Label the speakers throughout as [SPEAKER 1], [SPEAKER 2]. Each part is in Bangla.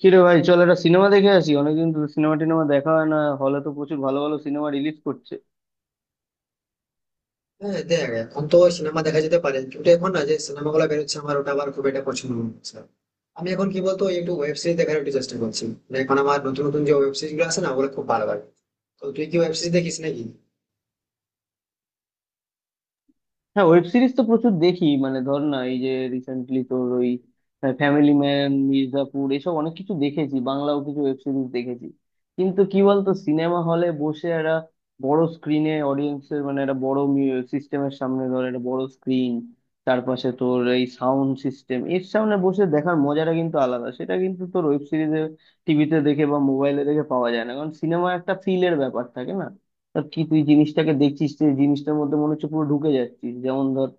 [SPEAKER 1] কিরে ভাই, চল একটা সিনেমা দেখে আসি। অনেকদিন তো সিনেমা টিনেমা দেখা হয় না, হলে তো প্রচুর ভালো ভালো সিনেমা রিলিজ করছে।
[SPEAKER 2] হ্যাঁ দেখ এখন তো সিনেমা দেখা যেতে পারে, কিন্তু এখন না যে সিনেমা গুলো বেরোচ্ছে আমার ওটা আবার খুব একটা পছন্দ হচ্ছে না। আমি এখন কি বলতো একটু ওয়েব সিরিজ দেখার একটু চেষ্টা করছি, মানে এখন আমার নতুন নতুন যে ওয়েব সিরিজ গুলো আছে না ওগুলো খুব ভালো লাগে। তো তুই কি ওয়েব সিরিজ দেখিস নাকি?
[SPEAKER 1] হ্যাঁ, ওয়েব সিরিজ তো প্রচুর দেখি, মানে ধর না এই যে রিসেন্টলি তোর ওই ফ্যামিলি ম্যান, মির্জাপুর, এসব অনেক কিছু দেখেছি, বাংলাও কিছু ওয়েব সিরিজ দেখেছি। কিন্তু কি বলতো, সিনেমা হলে বসে একটা বড় স্ক্রিনে অডিয়েন্সের মানে একটা বড় সিস্টেমের সামনে, ধর একটা বড় স্ক্রিন, তার পাশে তোর এই সাউন্ড সিস্টেম এর সামনে বসে দেখার মজাটা কিন্তু আলাদা। সেটা কিন্তু তোর ওয়েব সিরিজে, টিভিতে দেখে বা মোবাইলে দেখে পাওয়া যায় না। কারণ সিনেমা একটা ফিলের ব্যাপার থাকে না, তা কি তুই জিনিসটাকে দেখছিস, তুই জিনিসটার মধ্যে মনে হচ্ছে পুরো ঢুকে যাচ্ছিস। যেমন ধর,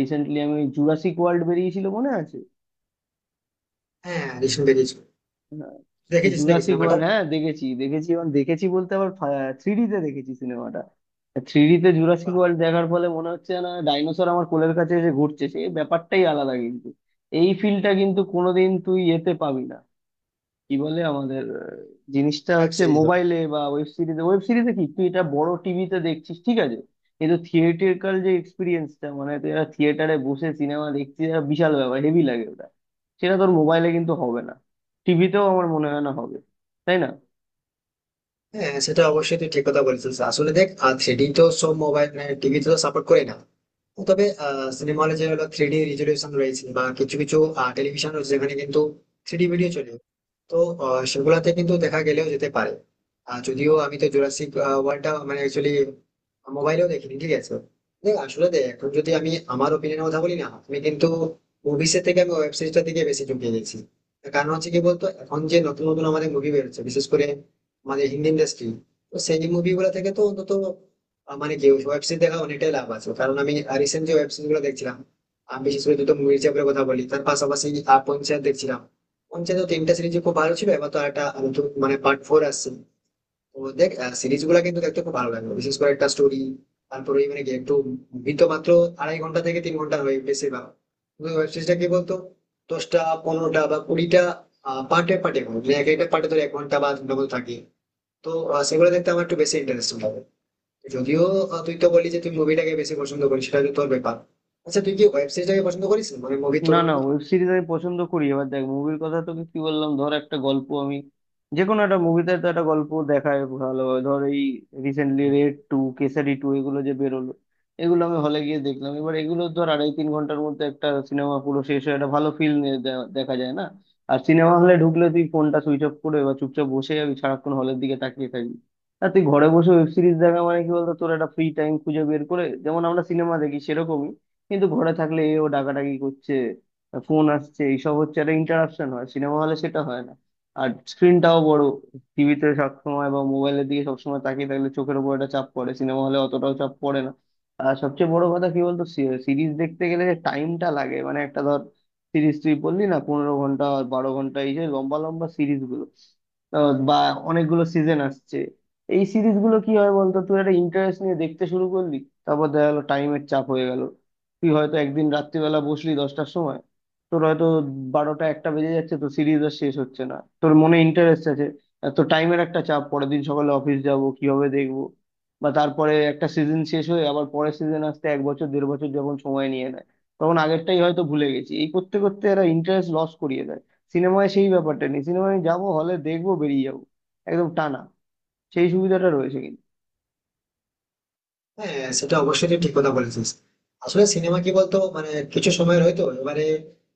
[SPEAKER 1] রিসেন্টলি আমি জুরাসিক ওয়ার্ল্ড বেরিয়েছিল মনে আছে?
[SPEAKER 2] হ্যাঁ রিসেন্ট বেরিয়েছে।
[SPEAKER 1] হ্যাঁ।
[SPEAKER 2] দেখেছিস নাকি
[SPEAKER 1] জুরাসিক
[SPEAKER 2] সিনেমাটা?
[SPEAKER 1] ওয়ার্ল্ড হ্যাঁ দেখেছি, দেখেছি এবং দেখেছি বলতে আবার থ্রি তে দেখেছি সিনেমাটা। থ্রি তে জুরাসিক ওয়ার্ল্ড দেখার ফলে মনে হচ্ছে না ডাইনোসর আমার কোলের কাছে এসে ঘুরছে, সেই ব্যাপারটাই আলাদা। কিন্তু এই ফিলটা কিন্তু কোনোদিন তুই এতে পাবি না, কি বলে আমাদের জিনিসটা
[SPEAKER 2] ওয়েব
[SPEAKER 1] হচ্ছে
[SPEAKER 2] সিরিজ।
[SPEAKER 1] মোবাইলে বা ওয়েব সিরিজে। ওয়েব সিরিজে কি তুই এটা বড় টিভিতে দেখছিস ঠিক আছে, কিন্তু থিয়েটারকাল যে এক্সপিরিয়েন্সটা, মানে তুই একটা থিয়েটারে বসে সিনেমা দেখছিস এটা বিশাল ব্যাপার, হেভি লাগে ওটা। সেটা তোর মোবাইলে কিন্তু হবে না, টিভিতেও আমার মনে হয় না হবে, তাই না?
[SPEAKER 2] হ্যাঁ সেটা অবশ্যই তুই ঠিক কথা বলেছিস। আসলে দেখ থ্রিডি তো সব মোবাইল টিভিতে তো সাপোর্ট করে না। তবে সিনেমা হলে যে হলো থ্রিডি রেজলিউশন রয়েছে, বা কিছু কিছু টেলিভিশন রয়েছে যেখানে কিন্তু থ্রিডি ভিডিও চলে। তো সেগুলাতে কিন্তু দেখা গেলেও যেতে পারে। আর যদিও আমি তো জুরাসিক ওয়ার্ল্ডটা মানে অ্যাকচুয়ালি মোবাইলেও দেখিনি, ঠিক আছে। দেখ আসলে দেখ এখন যদি আমি আমার ওপিনিয়নের কথা বলি না, আমি কিন্তু মুভিসের থেকে আমি ওয়েব সিরিজটার দিকে বেশি ঝুঁকিয়ে গেছি। তার কারণ হচ্ছে কি বলতো এখন যে নতুন নতুন আমাদের মুভি বেরোচ্ছে বিশেষ করে আমাদের হিন্দি ইন্ডাস্ট্রি, তো সেই মুভিগুলো থেকে তো অন্তত মানে কি ওয়েব সিরিজ দেখা অনেকটাই লাভ আছে। কারণ আমি রিসেন্ট যে ওয়েব সিরিজ গুলো দেখছিলাম আমি বিশেষ করে দুটো মুভির চাপের কথা বলি, তার পাশাপাশি পঞ্চায়েত দেখছিলাম। পঞ্চায়েত তিনটা সিরিজ খুব ভালো ছিল, এবার তো একটা নতুন মানে পার্ট 4 আসছে। তো দেখ সিরিজ গুলা কিন্তু দেখতে খুব ভালো লাগলো, বিশেষ করে একটা স্টোরি, তারপরে ওই মানে কি একটু মুভি তো মাত্র আড়াই ঘন্টা থেকে 3 ঘন্টা হয় বেশিরভাগ, কিন্তু ওয়েব সিরিজটা কি বলতো 10টা, 15টা বা 20টা পার্টে পার্টে এক একটা পার্টে ধর 1 ঘন্টা বা 2 ঘন্টা মতো থাকে। তো সেগুলো দেখতে আমার একটু বেশি ইন্টারেস্টিং লাগে। যদিও তুই তো বলি যে তুই মুভিটাকে বেশি পছন্দ করিস, সেটা তো তোর ব্যাপার। আচ্ছা তুই কি ওয়েব সিরিজটাকে পছন্দ করিস মানে মুভি
[SPEAKER 1] না, না,
[SPEAKER 2] তুলনায়?
[SPEAKER 1] ওয়েব সিরিজ আমি পছন্দ করি। এবার দেখ, মুভির কথা তোকে কি বললাম, ধর একটা গল্প আমি যে কোনো একটা মুভিতে তো একটা গল্প দেখায় ভালোভাবে। ধর এই recently raid two, Kesari two, এগুলো যে বেরোলো, এগুলো আমি হলে গিয়ে দেখলাম। এবার এগুলো ধর আড়াই তিন ঘন্টার মধ্যে একটা সিনেমা পুরো শেষ হয়ে একটা ভালো ফিল্ম দেখা যায় না? আর সিনেমা হলে ঢুকলে তুই ফোনটা সুইচ অফ করে এবার চুপচাপ বসে যাবি, সারাক্ষণ হলের দিকে তাকিয়ে থাকবি। আর তুই ঘরে বসে ওয়েব সিরিজ দেখা মানে কি বলতো, তোর একটা ফ্রি টাইম খুঁজে বের করে যেমন আমরা সিনেমা দেখি সেরকমই। কিন্তু ঘরে থাকলে এ ও ডাকাডাকি করছে, ফোন আসছে, এইসব হচ্ছে, একটা ইন্টারাকশন হয়, সিনেমা হলে সেটা হয় না। আর স্ক্রিনটাও বড়, টিভিতে সবসময় বা মোবাইলের দিকে সবসময় তাকিয়ে থাকলে চোখের উপর একটা চাপ পড়ে, সিনেমা হলে অতটাও চাপ পড়ে না। আর সবচেয়ে বড় কথা কি বলতো, সিরিজ দেখতে গেলে যে টাইমটা লাগে, মানে একটা ধর সিরিজ, তুই বললি না 15 ঘন্টা আর 12 ঘন্টা, এই যে লম্বা লম্বা সিরিজগুলো, আহ বা অনেকগুলো সিজন আসছে, এই সিরিজগুলো কি হয় বলতো, তুই একটা ইন্টারেস্ট নিয়ে দেখতে শুরু করলি, তারপর দেখা গেলো টাইমের চাপ হয়ে গেল। তুই হয়তো একদিন রাত্রিবেলা বসলি 10টার সময়, তোর হয়তো 12টা 1টা বেজে যাচ্ছে, তো সিরিজ আর শেষ হচ্ছে না, তোর মনে ইন্টারেস্ট আছে, তো টাইমের একটা চাপ, পরের দিন সকালে অফিস যাব, কিভাবে দেখবো? বা তারপরে একটা সিজন শেষ হয়ে আবার পরের সিজন আসতে এক বছর, দেড় বছর যখন সময় নিয়ে নেয়, তখন আগেরটাই হয়তো ভুলে গেছি, এই করতে করতে এরা ইন্টারেস্ট লস করিয়ে দেয়। সিনেমায় সেই ব্যাপারটা নেই, সিনেমায় আমি যাবো, হলে দেখবো, বেরিয়ে যাবো, একদম টানা, সেই সুবিধাটা রয়েছে কিন্তু।
[SPEAKER 2] হ্যাঁ সেটা অবশ্যই তুই ঠিক কথা বলেছিস। আসলে সিনেমা কি বলতো মানে কিছু সময়ের হয়তো এবারে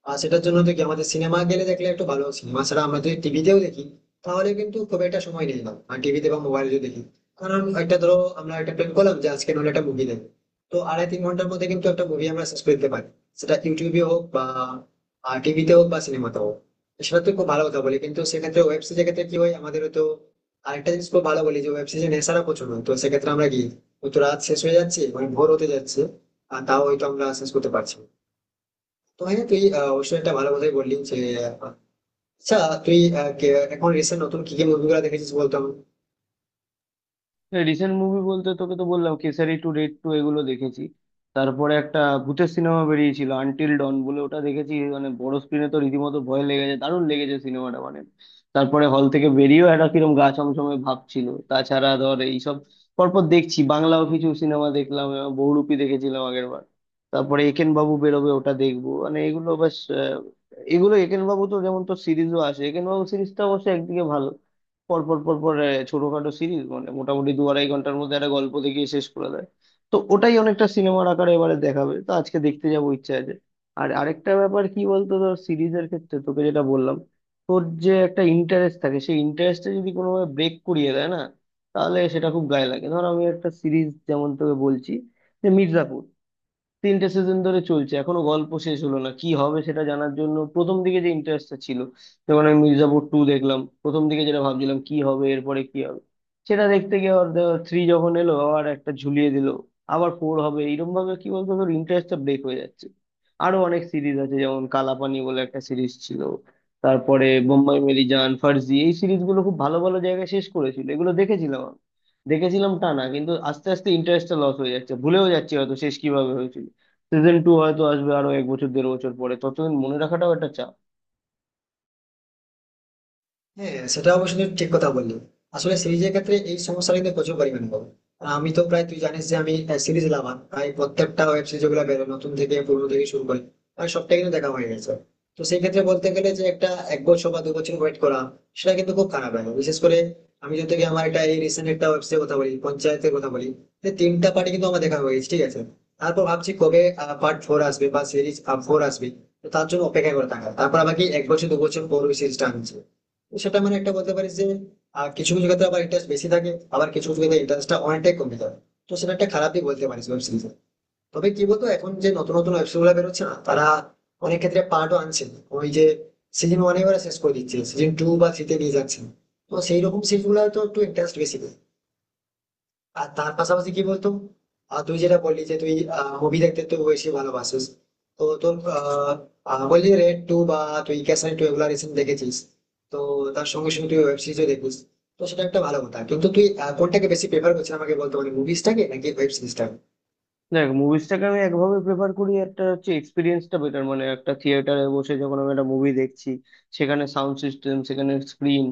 [SPEAKER 2] সেটার জন্য তো কি আমাদের সিনেমা গেলে দেখলে একটু ভালো সিনেমা ছাড়া আমরা যদি টিভিতেও দেখি তাহলে কিন্তু খুব একটা সময় নেই না টিভিতে বা মোবাইলে যদি দেখি। কারণ একটা ধরো আমরা একটা প্ল্যান করলাম যে আজকে নলে একটা মুভি দেখবো, তো আড়াই 3 ঘন্টার মধ্যে কিন্তু একটা মুভি আমরা শেষ করে দিতে পারি, সেটা ইউটিউবে হোক বা টিভিতে হোক বা সিনেমাতে হোক। সেটা তো খুব ভালো কথা বলি কিন্তু সেক্ষেত্রে ওয়েব সিরিজের ক্ষেত্রে কি হয় আমাদের তো আরেকটা জিনিস খুব ভালো বলি যে ওয়েব সিরিজে নেশারা প্রচুর হয়। তো সেক্ষেত্রে আমরা কি হয়তো রাত শেষ হয়ে যাচ্ছে মানে ভোর হতে যাচ্ছে আর তাও হয়তো আমরা শেষ করতে পারছি না। তো হ্যাঁ তুই অবশ্যই একটা ভালো কথাই বললি যে আহ, আচ্ছা তুই এখন রিসেন্ট নতুন কি কি মুভিগুলো দেখেছিস বলতো আমাকে?
[SPEAKER 1] রিসেন্ট মুভি বলতে তোকে তো বললাম কেসারি টু, রেড টু, এগুলো দেখেছি। তারপরে একটা ভূতের সিনেমা বেরিয়েছিল আনটিল ডন বলে, ওটা দেখেছি। মানে বড় স্ক্রিনে তো রীতিমতো ভয় লেগেছে, দারুণ লেগেছে সিনেমাটা, মানে তারপরে হল থেকে বেরিয়েও একটা কিরম গা ছমছমে ভাব ছিল। তাছাড়া ধর এইসব পরপর দেখছি, বাংলাও কিছু সিনেমা দেখলাম, বহুরূপী দেখেছিলাম আগের বার। তারপরে একেন বাবু বেরোবে, ওটা দেখবো, মানে এগুলো বেশ, এগুলো একেন বাবু তো যেমন তোর সিরিজও আসে, একেন বাবু সিরিজটা অবশ্য একদিকে ভালো, পর পর পর পর ছোটখাটো সিরিজ মানে মোটামুটি দু আড়াই ঘন্টার মধ্যে একটা গল্প দেখিয়ে শেষ করে দেয়। তো ওটাই অনেকটা সিনেমার আকারে এবারে দেখাবে, তো আজকে দেখতে যাবো, ইচ্ছা আছে। আর আরেকটা ব্যাপার কি বলতো, ধর সিরিজের ক্ষেত্রে তোকে যেটা বললাম, তোর যে একটা ইন্টারেস্ট থাকে, সেই ইন্টারেস্টটা যদি কোনোভাবে ব্রেক করিয়ে দেয় না, তাহলে সেটা খুব গায়ে লাগে। ধর আমি একটা সিরিজ যেমন তোকে বলছি যে মির্জাপুর, 3টে সিজন ধরে চলছে, এখনো গল্প শেষ হলো না, কি হবে সেটা জানার জন্য প্রথম দিকে যে ইন্টারেস্টটা ছিল, যেমন আমি মির্জাপুর টু দেখলাম, প্রথম দিকে যেটা ভাবছিলাম কি হবে, এরপরে কি হবে, সেটা দেখতে গিয়ে আবার থ্রি যখন এলো আবার একটা ঝুলিয়ে দিল, আবার ফোর হবে, এইরকম ভাবে কি বলতো তোর ইন্টারেস্টটা ব্রেক হয়ে যাচ্ছে। আরো অনেক সিরিজ আছে, যেমন কালাপানি বলে একটা সিরিজ ছিল, তারপরে বোম্বাই মেরি জান, ফার্জি, এই সিরিজগুলো খুব ভালো ভালো জায়গায় শেষ করেছিল, এগুলো দেখেছিলাম আমি, দেখেছিলাম টানা। কিন্তু আস্তে আস্তে ইন্টারেস্টটা লস হয়ে যাচ্ছে, ভুলেও যাচ্ছি হয়তো শেষ কিভাবে হয়েছিল। সিজন টু হয়তো আসবে আরো এক বছর দেড় বছর পরে, ততদিন মনে রাখাটাও একটা চাপ।
[SPEAKER 2] হ্যাঁ সেটা অবশ্যই তুমি ঠিক কথা বললি। আসলে সিরিজের ক্ষেত্রে এই সমস্যাটা কিন্তু প্রচুর পরিমাণে হবে। আর আমি তো প্রায় তুই জানিস যে আমি সিরিজ লাভার, প্রায় প্রত্যেকটা ওয়েব সিরিজ গুলো বেরো নতুন থেকে পুরনো থেকে শুরু করে প্রায় সবটাই কিন্তু দেখা হয়ে গেছে। তো সেই ক্ষেত্রে বলতে গেলে যে একটা 1 বছর বা 2 বছর ওয়েট করা সেটা কিন্তু খুব খারাপ লাগে। বিশেষ করে আমি যদি তোকে আমার একটা এই রিসেন্ট একটা ওয়েবসাইট কথা বলি পঞ্চায়েতের কথা বলি, যে 3টা পার্টি কিন্তু আমার দেখা হয়ে গেছে ঠিক আছে। তারপর ভাবছি কবে পার্ট 4 আসবে বা সিরিজ 4 আসবে, তো তার জন্য অপেক্ষা করে থাকা, তারপর আবার কি 1 বছর 2 বছর পর ওই সিরিজটা আনছে, সেটা মানে একটা বলতে পারিস যে কিছু কিছু ক্ষেত্রে আবার ইন্টারেস্ট বেশি থাকে আবার কিছু কিছু ক্ষেত্রে ইন্টারেস্টটা অনেকটাই কমে থাকে। তো সেটা একটা খারাপই বলতে পারিস ওয়েব সিরিজে। তবে কি বলতো এখন যে নতুন নতুন ওয়েব সিরিজ গুলো বেরোচ্ছে না তারা অনেক ক্ষেত্রে পার্টও আনছে না। ওই যে সিজন ওয়ানে ওরা শেষ করে দিচ্ছে, সিজন টু বা থ্রিতে নিয়ে যাচ্ছে না। তো সেই রকম সিরিজ গুলো হয়তো একটু ইন্টারেস্ট বেশি থাকে। আর তার পাশাপাশি কি বলতো তুই যেটা বললি যে তুই মুভি দেখতে তুই বেশি ভালোবাসিস। তো তোর আহ, আহ, বললি রেড টু বা তুই ক্যাসান টু এগুলা রিসেন্ট দেখেছিস। তো তার সঙ্গে সঙ্গে তুই ওয়েব সিরিজও দেখিস, তো সেটা একটা ভালো কথা। কিন্তু তুই কোনটাকে বেশি প্রেফার করছিস আমাকে বলতে পারি, মুভিসটাকে নাকি ওয়েব সিরিজটাকে?
[SPEAKER 1] দেখ, মুভিসটাকে আমি একভাবে প্রেফার করি, একটা হচ্ছে এক্সপিরিয়েন্সটা বেটার, মানে একটা থিয়েটারে বসে যখন আমি একটা মুভি দেখছি, সেখানে সাউন্ড সিস্টেম, সেখানে স্ক্রিন,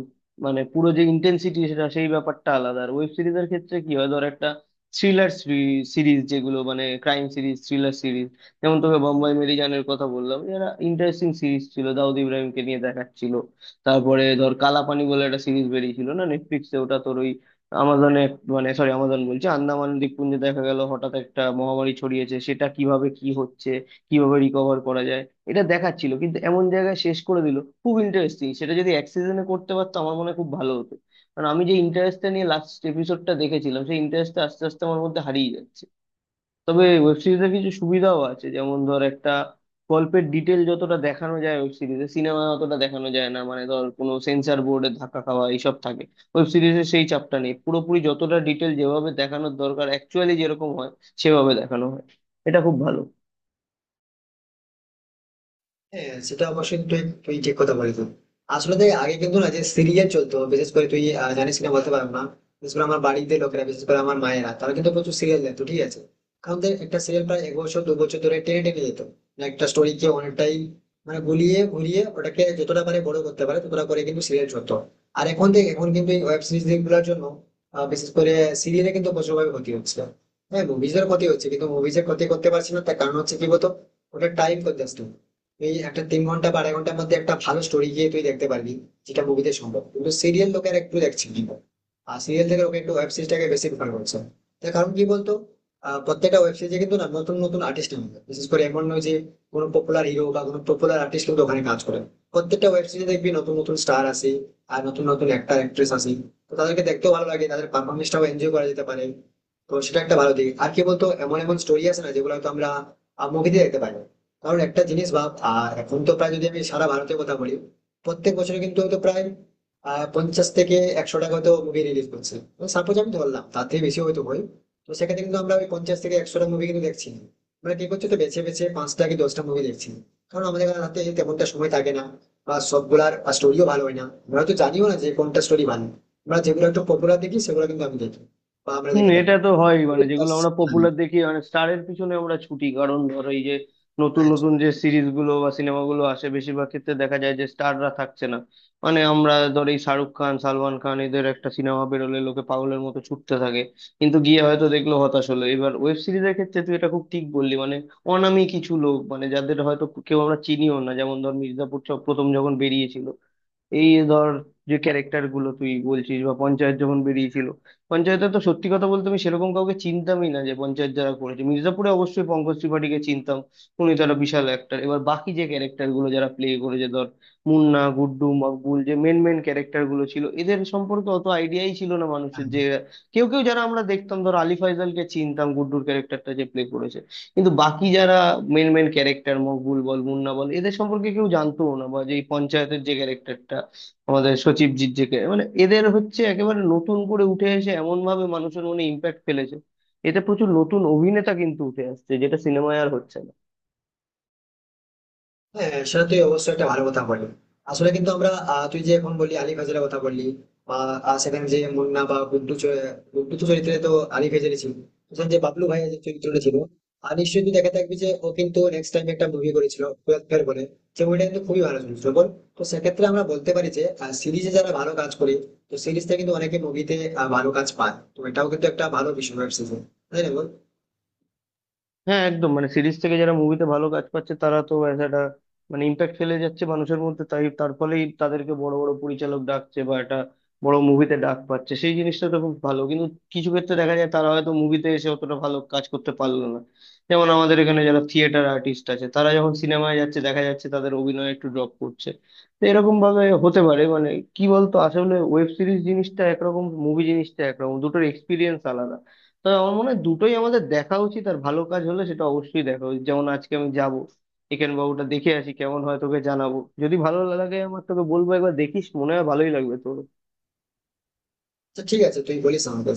[SPEAKER 1] মানে পুরো যে ইন্টেন্সিটি সেটা, সেই ব্যাপারটা আলাদা। আর ওয়েব সিরিজের ক্ষেত্রে কি হয়, ধর একটা থ্রিলার সিরিজ, যেগুলো মানে ক্রাইম সিরিজ, থ্রিলার সিরিজ, যেমন তোকে বম্বাই মেরিজানের কথা বললাম, এরা ইন্টারেস্টিং সিরিজ ছিল, দাউদ ইব্রাহিমকে নিয়ে দেখাচ্ছিল। তারপরে ধর কালাপানি বলে একটা সিরিজ বেরিয়েছিল না নেটফ্লিক্সে, ওটা তোর ওই আমাজনে, মানে সরি আমাজন বলছি, আন্দামান দ্বীপপুঞ্জে দেখা গেল হঠাৎ একটা মহামারী ছড়িয়েছে, সেটা কিভাবে কি হচ্ছে, কিভাবে রিকভার করা যায়, এটা দেখাচ্ছিল। কিন্তু এমন জায়গায় শেষ করে দিল, খুব ইন্টারেস্টিং, সেটা যদি এক সিজনে করতে পারতো আমার মনে হয় খুব ভালো হতো। কারণ আমি যে ইন্টারেস্টটা নিয়ে লাস্ট এপিসোডটা দেখেছিলাম, সেই ইন্টারেস্টটা আস্তে আস্তে আমার মধ্যে হারিয়ে যাচ্ছে। তবে ওয়েব সিরিজের কিছু সুবিধাও আছে, যেমন ধর একটা গল্পের ডিটেল যতটা দেখানো যায় ওয়েব সিরিজে, সিনেমা অতটা দেখানো যায় না। মানে ধর কোনো সেন্সর বোর্ডের ধাক্কা খাওয়া এইসব থাকে, ওয়েব সিরিজে সেই চাপটা নেই। পুরোপুরি যতটা ডিটেল যেভাবে দেখানোর দরকার অ্যাকচুয়ালি যেরকম হয় সেভাবে দেখানো হয়, এটা খুব ভালো।
[SPEAKER 2] হ্যাঁ সেটা অবশ্যই তুই তুই ঠিক কথা বলেছিস। আসলে দেখ আগে কিন্তু না যে সিরিয়াল চলতো, বিশেষ করে তুই জানিস কিনা বলতে পারবো না, বিশেষ করে আমার বাড়িতে লোকেরা, বিশেষ করে আমার মায়েরা তারা কিন্তু প্রচুর সিরিয়াল দেখতো ঠিক আছে। কারণ দেখ একটা সিরিয়াল প্রায় 1 বছর 2 বছর ধরে টেনে টেনে যেত, মানে একটা স্টোরিকে অনেকটাই মানে গুলিয়ে ঘুরিয়ে ওটাকে যতটা পারে বড় করতে পারে ততটা করে কিন্তু সিরিয়াল চলতো। আর এখন দেখ এখন কিন্তু এই ওয়েব সিরিজ গুলোর জন্য বিশেষ করে সিরিয়ালে কিন্তু প্রচুরভাবে ক্ষতি হচ্ছে। হ্যাঁ মুভিজের ক্ষতি হচ্ছে কিন্তু মুভিজের ক্ষতি করতে পারছি না, তার কারণ হচ্ছে কি বলতো ওটা টাইম কনজাস্টিং। এই একটা 3 ঘন্টা বা আড়াই ঘন্টার মধ্যে একটা ভালো স্টোরি গিয়ে তুই দেখতে পারবি, যেটা মুভিতে সম্ভব কিন্তু সিরিয়াল লোকের একটু দেখছে না। আর সিরিয়াল থেকে লোকে একটু ওয়েব সিরিজটাকে বেশি প্রেফার করছে। তার কারণ কি বলতো প্রত্যেকটা ওয়েব সিরিজে কিন্তু না নতুন নতুন আর্টিস্ট নামে, বিশেষ করে এমন নয় যে কোনো পপুলার হিরো বা কোনো পপুলার আর্টিস্ট কিন্তু ওখানে কাজ করে। প্রত্যেকটা ওয়েব সিরিজে দেখবি নতুন নতুন স্টার আসে, আর নতুন নতুন অ্যাক্টর অ্যাক্ট্রেস আসে। তো তাদেরকে দেখতেও ভালো লাগে, তাদের পারফরমেন্সটাও এনজয় করা যেতে পারে। তো সেটা একটা ভালো দিক। আর কি বলতো এমন এমন স্টোরি আছে না যেগুলো হয়তো আমরা মুভিতে দেখতে পারি না। কারণ একটা জিনিস ভাব এখন তো প্রায় যদি আমি সারা ভারতের কথা বলি প্রত্যেক বছরে কিন্তু হয়তো প্রায় 50 থেকে 100 টাকা হয়তো মুভি রিলিজ করছে, তো সাপোজ আমি ধরলাম তার থেকে বেশি হয়তো হয়। তো সেক্ষেত্রে কিন্তু আমরা ওই 50 থেকে 100টা মুভি কিন্তু দেখছি না। আমরা কি করছি তো বেছে বেছে 5টা কি 10টা মুভি দেখছি, কারণ আমাদের হাতে তেমনটা সময় থাকে না, বা সবগুলার স্টোরিও ভালো হয় না। আমরা তো জানিও না যে কোনটা স্টোরি ভালো, আমরা যেগুলো একটু পপুলার দেখি সেগুলো কিন্তু আমি দেখি বা আমরা
[SPEAKER 1] হুম,
[SPEAKER 2] দেখে
[SPEAKER 1] এটা
[SPEAKER 2] থাকি।
[SPEAKER 1] তো হয়,
[SPEAKER 2] তো
[SPEAKER 1] মানে যেগুলো আমরা
[SPEAKER 2] হ্যাঁ,
[SPEAKER 1] পপুলার দেখি, মানে স্টারের পিছনে আমরা ছুটি। কারণ ধরো এই যে নতুন
[SPEAKER 2] right,
[SPEAKER 1] নতুন যে সিরিজ গুলো বা সিনেমাগুলো আসে বেশিরভাগ ক্ষেত্রে দেখা যায় যে স্টাররা থাকছে না। মানে আমরা ধর এই শাহরুখ খান, সালমান খান, এদের একটা সিনেমা বেরোলে লোকে পাগলের মতো ছুটতে থাকে, কিন্তু গিয়ে হয়তো দেখলো হতাশ হলো। এবার ওয়েব সিরিজের ক্ষেত্রে তুই এটা খুব ঠিক বললি, মানে অনামী কিছু লোক মানে যাদের হয়তো কেউ আমরা চিনিও না, যেমন ধর মির্জাপুর প্রথম যখন বেরিয়েছিল, এই ধর যে ক্যারেক্টার গুলো তুই বলছিস, বা পঞ্চায়েত যখন বেরিয়েছিল, পঞ্চায়েতে তো সত্যি কথা বলতে আমি সেরকম কাউকে চিনতামই না যে পঞ্চায়েত যারা করেছে। মির্জাপুরে অবশ্যই পঙ্কজ ত্রিপাঠীকে চিনতাম, উনি তো একটা বিশাল অ্যাক্টার। এবার বাকি যে ক্যারেক্টার গুলো যারা প্লে করেছে, ধর মুন্না, গুড্ডু, মকবুল, যে মেন মেন ক্যারেক্টার গুলো ছিল, এদের সম্পর্কে অত আইডিয়াই ছিল না মানুষের।
[SPEAKER 2] হ্যাঁ।
[SPEAKER 1] যে কেউ কেউ যারা আমরা দেখতাম, ধর আলি ফাইজালকে চিনতাম, গুড্ডুর ক্যারেক্টারটা যে প্লে করেছে। কিন্তু বাকি যারা মেন মেন ক্যারেক্টার, মকবুল বল, মুন্না বল, এদের সম্পর্কে কেউ জানতো না। বা যে এই পঞ্চায়েতের যে ক্যারেক্টারটা, আমাদের সচিবজির যে মানে এদের হচ্ছে একেবারে নতুন করে উঠে এসে এমন ভাবে মানুষের মনে ইম্প্যাক্ট ফেলেছে, এতে প্রচুর নতুন অভিনেতা কিন্তু উঠে আসছে, যেটা সিনেমায় আর হচ্ছে না।
[SPEAKER 2] হ্যাঁ সেটা তুই অবশ্যই একটা ভালো কথা বললি। আসলে কিন্তু আমরা তুই যে এখন বললি আলী ফজলের কথা বললি, বা সেখানে যে মুন্না বা গুড্ডু গুড্ডু তো চরিত্রে তো আলী ফজলে ছিল, সেখানে যে বাবলু ভাইয়ের যে চরিত্রটা ছিল আর নিশ্চয়ই তুই দেখে থাকবি যে ও কিন্তু নেক্সট টাইম একটা মুভি করেছিল 12 ফেল বলে, যে মুভিটা কিন্তু খুবই ভালো চলছিল বল। তো সেক্ষেত্রে আমরা বলতে পারি যে সিরিজে যারা ভালো কাজ করে তো সিরিজটা কিন্তু অনেকে মুভিতে ভালো কাজ পায়, তো এটাও কিন্তু একটা ভালো বিষয় ওয়েব সিরিজ, তাই না বল।
[SPEAKER 1] হ্যাঁ একদম, মানে সিরিজ থেকে যারা মুভিতে ভালো কাজ পাচ্ছে তারা তো as একটা মানে ইম্প্যাক্ট ফেলে যাচ্ছে মানুষের মধ্যে, তাই তার ফলেই তাদেরকে বড় বড় পরিচালক ডাকছে বা একটা বড় মুভিতে ডাক পাচ্ছে, সেই জিনিসটা তো খুব ভালো। কিন্তু কিছু ক্ষেত্রে দেখা যায় তারা হয়তো মুভিতে এসে অতটা ভালো কাজ করতে পারলো না, যেমন আমাদের এখানে যারা থিয়েটার আর্টিস্ট আছে তারা যখন সিনেমায় যাচ্ছে দেখা যাচ্ছে তাদের অভিনয় একটু ড্রপ করছে। তো এরকম ভাবে হতে পারে, মানে কি বলতো আসলে ওয়েব সিরিজ জিনিসটা একরকম, মুভি জিনিসটা একরকম, দুটোর এক্সপিরিয়েন্স আলাদা। তবে আমার মনে হয় দুটোই আমাদের দেখা উচিত, আর ভালো কাজ হলে সেটা অবশ্যই দেখা উচিত। যেমন আজকে আমি যাব, একেন বাবুটা দেখে আসি, কেমন হয় তোকে জানাবো। যদি ভালো লাগে আমার তোকে বলবো, একবার দেখিস, মনে হয় ভালোই লাগবে তোর।
[SPEAKER 2] আচ্ছা ঠিক আছে তুই বলিস আমাকে।